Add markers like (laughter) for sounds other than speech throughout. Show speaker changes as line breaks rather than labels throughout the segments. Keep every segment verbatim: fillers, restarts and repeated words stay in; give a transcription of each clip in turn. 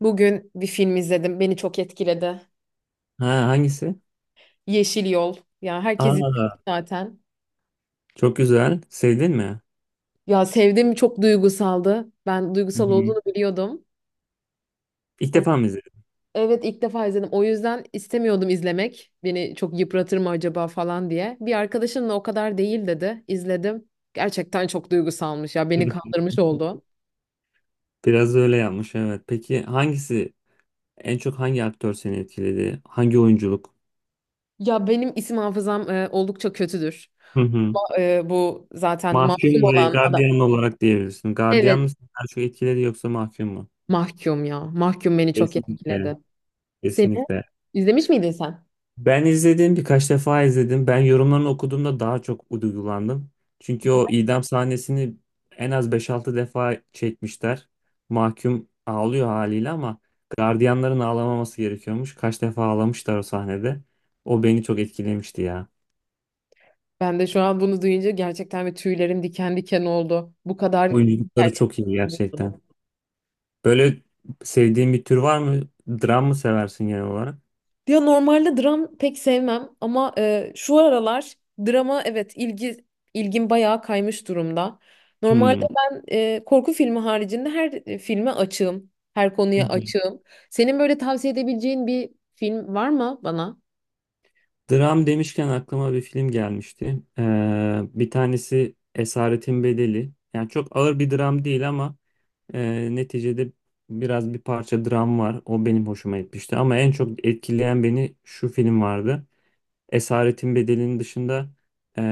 Bugün bir film izledim. Beni çok etkiledi.
Ha hangisi?
Yeşil Yol. Ya herkes izlemiş
Aa
zaten.
çok güzel. Sevdin mi?
Ya sevdim, çok duygusaldı. Ben
Hı
duygusal
hı.
olduğunu biliyordum.
İlk
O-
defa mı izledin?
Evet, ilk defa izledim. O yüzden istemiyordum izlemek. Beni çok yıpratır mı acaba falan diye. Bir arkadaşımla o kadar değil dedi. İzledim. Gerçekten çok duygusalmış ya. Beni
(laughs)
kandırmış oldu.
Biraz da öyle yapmış evet. Peki hangisi en çok hangi aktör seni etkiledi? Hangi oyunculuk?
Ya benim isim hafızam e, oldukça kötüdür.
Hı hı.
Ama, e, bu zaten masum
Mahkum ve
olan adam.
gardiyan olarak diyebilirsin. Gardiyan
Evet,
mı seni daha çok etkiledi yoksa mahkum mu?
mahkum ya. Mahkum beni çok
Kesinlikle.
etkiledi. Seni?
Kesinlikle.
İzlemiş miydin sen?
Ben izledim birkaç defa izledim. Ben yorumlarını okuduğumda daha çok duygulandım. Çünkü o idam sahnesini en az beş altı defa çekmişler. Mahkum ağlıyor haliyle ama gardiyanların ağlamaması gerekiyormuş. Kaç defa ağlamışlar o sahnede. O beni çok etkilemişti ya.
Ben de şu an bunu duyunca gerçekten bir tüylerim diken diken oldu. Bu kadar
Oyunculukları
gerçek.
çok iyi gerçekten. Böyle sevdiğin bir tür var mı? Dram mı seversin genel olarak?
Ya normalde dram pek sevmem ama e, şu aralar drama, evet, ilgi ilgim bayağı kaymış durumda. Normalde
Hmm.
ben e, korku filmi haricinde her e, filme açığım, her konuya açığım. Senin böyle tavsiye edebileceğin bir film var mı bana?
Dram demişken aklıma bir film gelmişti. Ee, bir tanesi Esaretin Bedeli. Yani çok ağır bir dram değil ama e, neticede biraz bir parça dram var. O benim hoşuma gitmişti. Ama en çok etkileyen beni şu film vardı. Esaretin Bedeli'nin dışında e,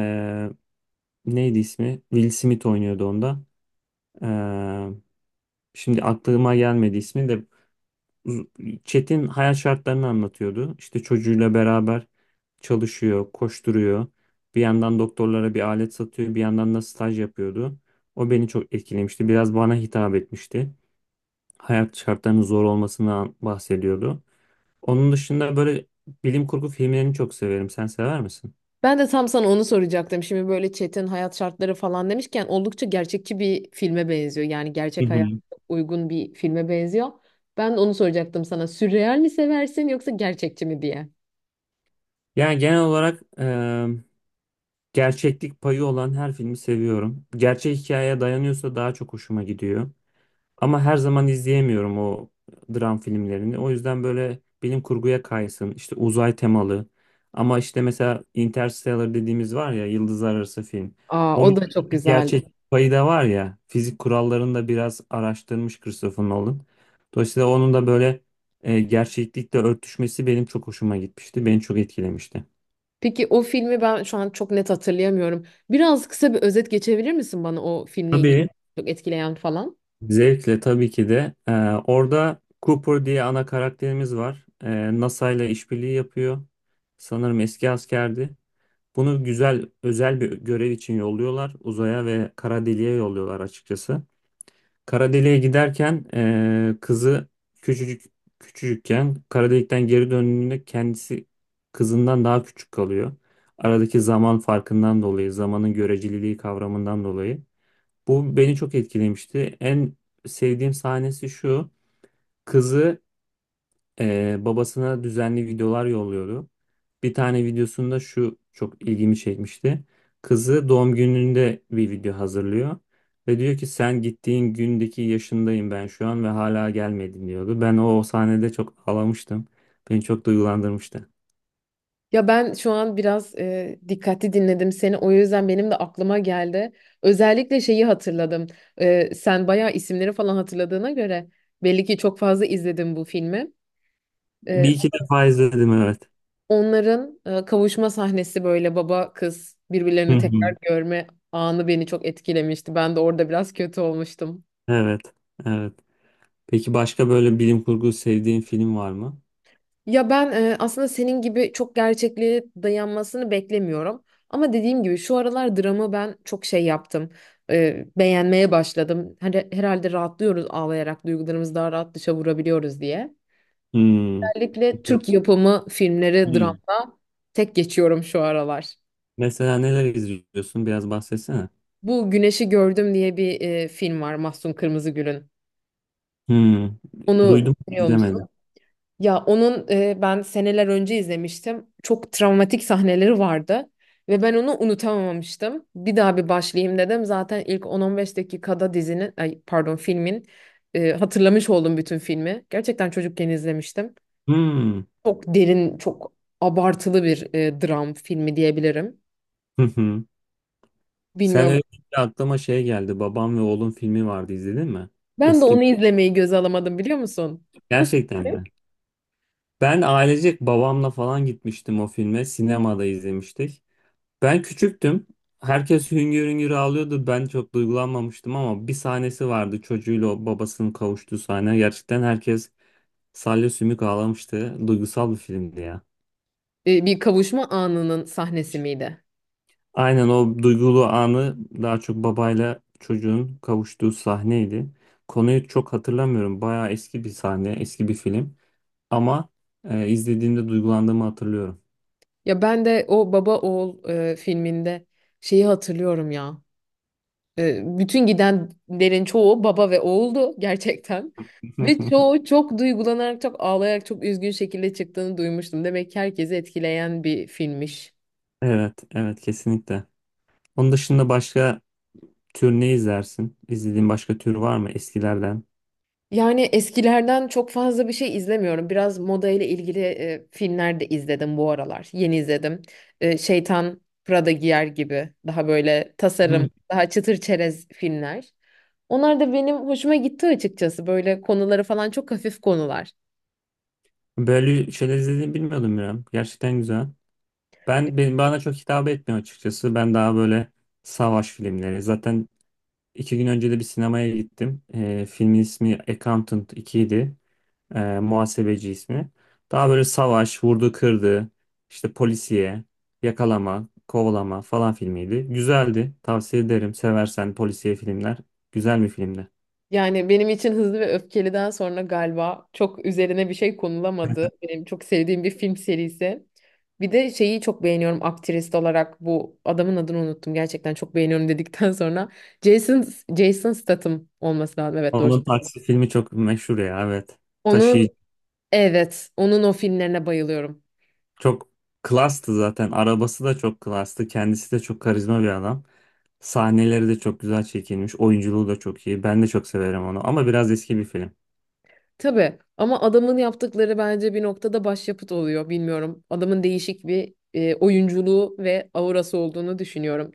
neydi ismi? Will Smith oynuyordu onda. E, şimdi aklıma gelmedi ismi de Çetin hayat şartlarını anlatıyordu. İşte çocuğuyla beraber çalışıyor, koşturuyor. Bir yandan doktorlara bir alet satıyor, bir yandan da staj yapıyordu. O beni çok etkilemişti. Biraz bana hitap etmişti. Hayat şartlarının zor olmasından bahsediyordu. Onun dışında böyle bilim kurgu filmlerini çok severim. Sen sever misin?
Ben de tam sana onu soracaktım. Şimdi böyle çetin hayat şartları falan demişken oldukça gerçekçi bir filme benziyor. Yani
Hı
gerçek hayata
hı.
çok uygun bir filme benziyor. Ben de onu soracaktım sana. Sürreal mi seversin yoksa gerçekçi mi diye.
Yani genel olarak e, gerçeklik payı olan her filmi seviyorum. Gerçek hikayeye dayanıyorsa daha çok hoşuma gidiyor. Ama her zaman izleyemiyorum o dram filmlerini. O yüzden böyle bilim kurguya kaysın, işte uzay temalı. Ama işte mesela Interstellar dediğimiz var ya, yıldızlar arası film.
Aa,
O
o da
mesela
çok
bir
güzel.
gerçek payı da var ya, fizik kurallarını da biraz araştırmış Christopher Nolan. Dolayısıyla onun da böyle e, gerçeklikle örtüşmesi benim çok hoşuma gitmişti, beni çok etkilemişti.
Peki o filmi ben şu an çok net hatırlayamıyorum. Biraz kısa bir özet geçebilir misin bana o filmle ilgili
Tabii.
çok etkileyen falan?
Zevkle tabii ki de. Ee, orada Cooper diye ana karakterimiz var. Ee, NASA ile işbirliği yapıyor. Sanırım eski askerdi. Bunu güzel özel bir görev için yolluyorlar. Uzaya ve kara deliğe yolluyorlar açıkçası. Kara deliğe giderken ee, kızı küçücük küçücükken kara delikten geri döndüğünde kendisi kızından daha küçük kalıyor. Aradaki zaman farkından dolayı, zamanın göreceliliği kavramından dolayı. Bu beni çok etkilemişti. En sevdiğim sahnesi şu. Kızı eee, babasına düzenli videolar yolluyordu. Bir tane videosunda şu çok ilgimi çekmişti. Kızı doğum gününde bir video hazırlıyor. Ve diyor ki sen gittiğin gündeki yaşındayım ben şu an ve hala gelmedin diyordu. Ben o sahnede çok ağlamıştım. Beni çok duygulandırmıştı.
Ya ben şu an biraz e, dikkatli dinledim seni. O yüzden benim de aklıma geldi. Özellikle şeyi hatırladım. E, sen bayağı isimleri falan hatırladığına göre belli ki çok fazla izledin bu filmi.
Bir
E,
iki defa izledim evet.
onların e, kavuşma sahnesi, böyle baba kız
Hı
birbirlerini tekrar
hı.
görme anı beni çok etkilemişti. Ben de orada biraz kötü olmuştum.
Evet, evet. Peki başka böyle bilim kurgu sevdiğin film var mı?
Ya ben e, aslında senin gibi çok gerçekliğe dayanmasını beklemiyorum. Ama dediğim gibi şu aralar drama ben çok şey yaptım. E, beğenmeye başladım. Hani herhalde rahatlıyoruz, ağlayarak duygularımızı daha rahat dışa vurabiliyoruz diye.
Hmm.
Özellikle Türk yapımı filmleri
Hmm.
dramda tek geçiyorum şu aralar.
Mesela neler izliyorsun? Biraz bahsetsene.
Bu Güneşi Gördüm diye bir e, film var, Mahsun Kırmızıgül'ün.
Hmm.
Onu
Duydum ama
biliyor musun?
izlemedim.
Ya onun, e, ben seneler önce izlemiştim. Çok travmatik sahneleri vardı ve ben onu unutamamıştım. Bir daha bir başlayayım dedim. Zaten ilk on on beş dakikada dizinin, ay pardon filmin e, hatırlamış oldum bütün filmi. Gerçekten çocukken izlemiştim.
Hmm.
Çok derin, çok abartılı bir e, dram filmi diyebilirim.
Hı hı. Sen
Bilmiyorum.
öyle deyince aklıma şey geldi. Babam ve oğlum filmi vardı izledin mi?
Ben de
Eski
onu izlemeyi göze alamadım, biliyor musun? Nasıl?
gerçekten mi? Ben ailecek babamla falan gitmiştim o filme. Sinemada izlemiştik. Ben küçüktüm. Herkes hüngür hüngür ağlıyordu. Ben çok duygulanmamıştım ama bir sahnesi vardı. Çocuğuyla o babasının kavuştuğu sahne. Gerçekten herkes salya sümük ağlamıştı. Duygusal bir filmdi ya.
E, bir kavuşma anının sahnesi miydi?
Aynen o duygulu anı daha çok babayla çocuğun kavuştuğu sahneydi. Konuyu çok hatırlamıyorum. Bayağı eski bir sahne, eski bir film. Ama e, izlediğimde duygulandığımı hatırlıyorum.
Ya ben de o Baba Oğul e, filminde şeyi hatırlıyorum ya. E, bütün gidenlerin çoğu baba ve oğuldu gerçekten. Ve
(laughs)
çoğu çok duygulanarak, çok ağlayarak, çok üzgün şekilde çıktığını duymuştum. Demek ki herkesi etkileyen bir filmmiş.
Evet, evet kesinlikle. Onun dışında başka tür ne izlersin? İzlediğin başka tür var mı eskilerden?
Yani eskilerden çok fazla bir şey izlemiyorum. Biraz moda ile ilgili e, filmler de izledim bu aralar. Yeni izledim. E, Şeytan Prada Giyer gibi daha böyle
Hmm.
tasarım, daha çıtır çerez filmler. Onlar da benim hoşuma gitti açıkçası. Böyle konuları falan çok hafif konular.
Böyle şeyler izlediğini bilmiyordum ya. Gerçekten güzel. Ben benim bana çok hitap etmiyor açıkçası. Ben daha böyle savaş filmleri. Zaten İki gün önce de bir sinemaya gittim. Ee, filmin ismi Accountant iki idi. Ee, muhasebeci ismi. Daha böyle savaş, vurdu kırdı, işte polisiye, yakalama, kovalama falan filmiydi. Güzeldi. Tavsiye ederim. Seversen polisiye filmler. Güzel bir filmdi.
Yani benim için Hızlı ve Öfkeli'den sonra galiba çok üzerine bir şey konulamadı. Benim çok sevdiğim bir film serisi. Bir de şeyi çok beğeniyorum, aktrist olarak. Bu adamın adını unuttum. Gerçekten çok beğeniyorum dedikten (laughs) sonra Jason Jason Statham olması lazım. Evet, doğru.
Onun taksi filmi çok meşhur ya evet.
Onun,
Taşıyıcı.
evet, onun o filmlerine bayılıyorum.
Çok klastı zaten. Arabası da çok klastı. Kendisi de çok karizma bir adam. Sahneleri de çok güzel çekilmiş. Oyunculuğu da çok iyi. Ben de çok severim onu. Ama biraz eski bir film.
Tabii ama adamın yaptıkları bence bir noktada başyapıt oluyor, bilmiyorum. Adamın değişik bir e, oyunculuğu ve aurası olduğunu düşünüyorum.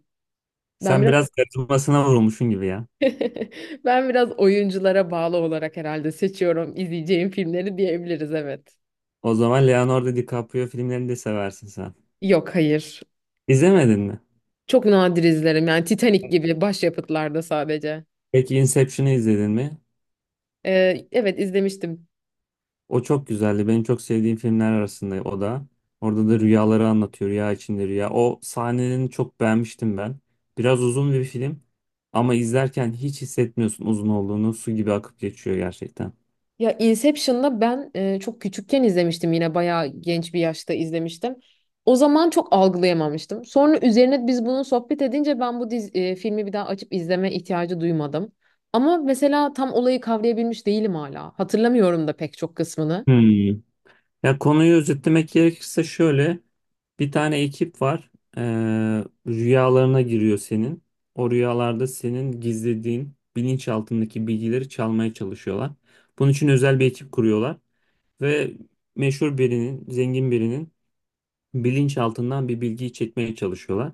Ben
Sen
biraz
biraz karizmasına vurulmuşsun gibi ya.
(laughs) ben biraz oyunculara bağlı olarak herhalde seçiyorum izleyeceğim filmleri diyebiliriz, evet.
O zaman Leonardo DiCaprio filmlerini de seversin sen.
Yok, hayır.
İzlemedin mi?
Çok nadir izlerim, yani Titanic gibi başyapıtlarda sadece.
Peki Inception'ı izledin mi?
Ee, evet, izlemiştim.
O çok güzeldi. Benim çok sevdiğim filmler arasında o da. Orada da rüyaları anlatıyor. Rüya içinde rüya. O sahnelerini çok beğenmiştim ben. Biraz uzun bir film. Ama izlerken hiç hissetmiyorsun uzun olduğunu. Su gibi akıp geçiyor gerçekten.
Ya Inception'da ben e, çok küçükken izlemiştim, yine bayağı genç bir yaşta izlemiştim. O zaman çok algılayamamıştım. Sonra üzerine biz bunu sohbet edince ben bu diz, e, filmi bir daha açıp izleme ihtiyacı duymadım. Ama mesela tam olayı kavrayabilmiş değilim hala. Hatırlamıyorum da pek çok kısmını.
Hmm. Ya konuyu özetlemek gerekirse şöyle bir tane ekip var. Ee, rüyalarına giriyor senin. O rüyalarda senin gizlediğin bilinçaltındaki bilgileri çalmaya çalışıyorlar. Bunun için özel bir ekip kuruyorlar ve meşhur birinin, zengin birinin bilinçaltından bir bilgiyi çekmeye çalışıyorlar.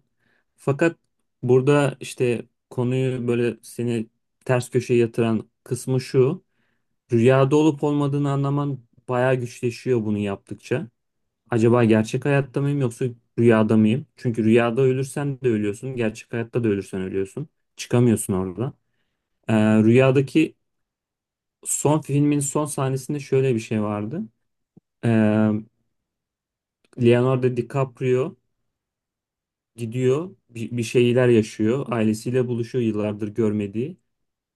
Fakat burada işte konuyu böyle seni ters köşeye yatıran kısmı şu. Rüyada olup olmadığını anlaman bayağı güçleşiyor bunu yaptıkça. Acaba gerçek hayatta mıyım yoksa rüyada mıyım? Çünkü rüyada ölürsen de ölüyorsun, gerçek hayatta da ölürsen ölüyorsun. Çıkamıyorsun orada. Ee, rüyadaki son filmin son sahnesinde şöyle bir şey vardı. Ee, Leonardo DiCaprio gidiyor, bir, bir şeyler yaşıyor, ailesiyle buluşuyor yıllardır görmediği.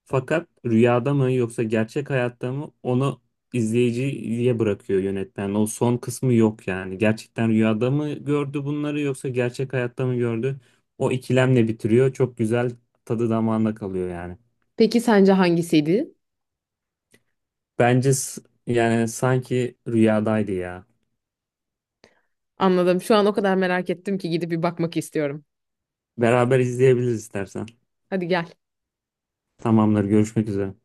Fakat rüyada mı yoksa gerçek hayatta mı onu izleyiciye bırakıyor yönetmen. O son kısmı yok yani. Gerçekten rüyada mı gördü bunları yoksa gerçek hayatta mı gördü? O ikilemle bitiriyor. Çok güzel tadı damağında kalıyor yani.
Peki sence hangisiydi?
Bence s- yani sanki rüyadaydı ya.
Anladım. Şu an o kadar merak ettim ki gidip bir bakmak istiyorum.
Beraber izleyebiliriz istersen.
Hadi gel.
Tamamdır, görüşmek üzere.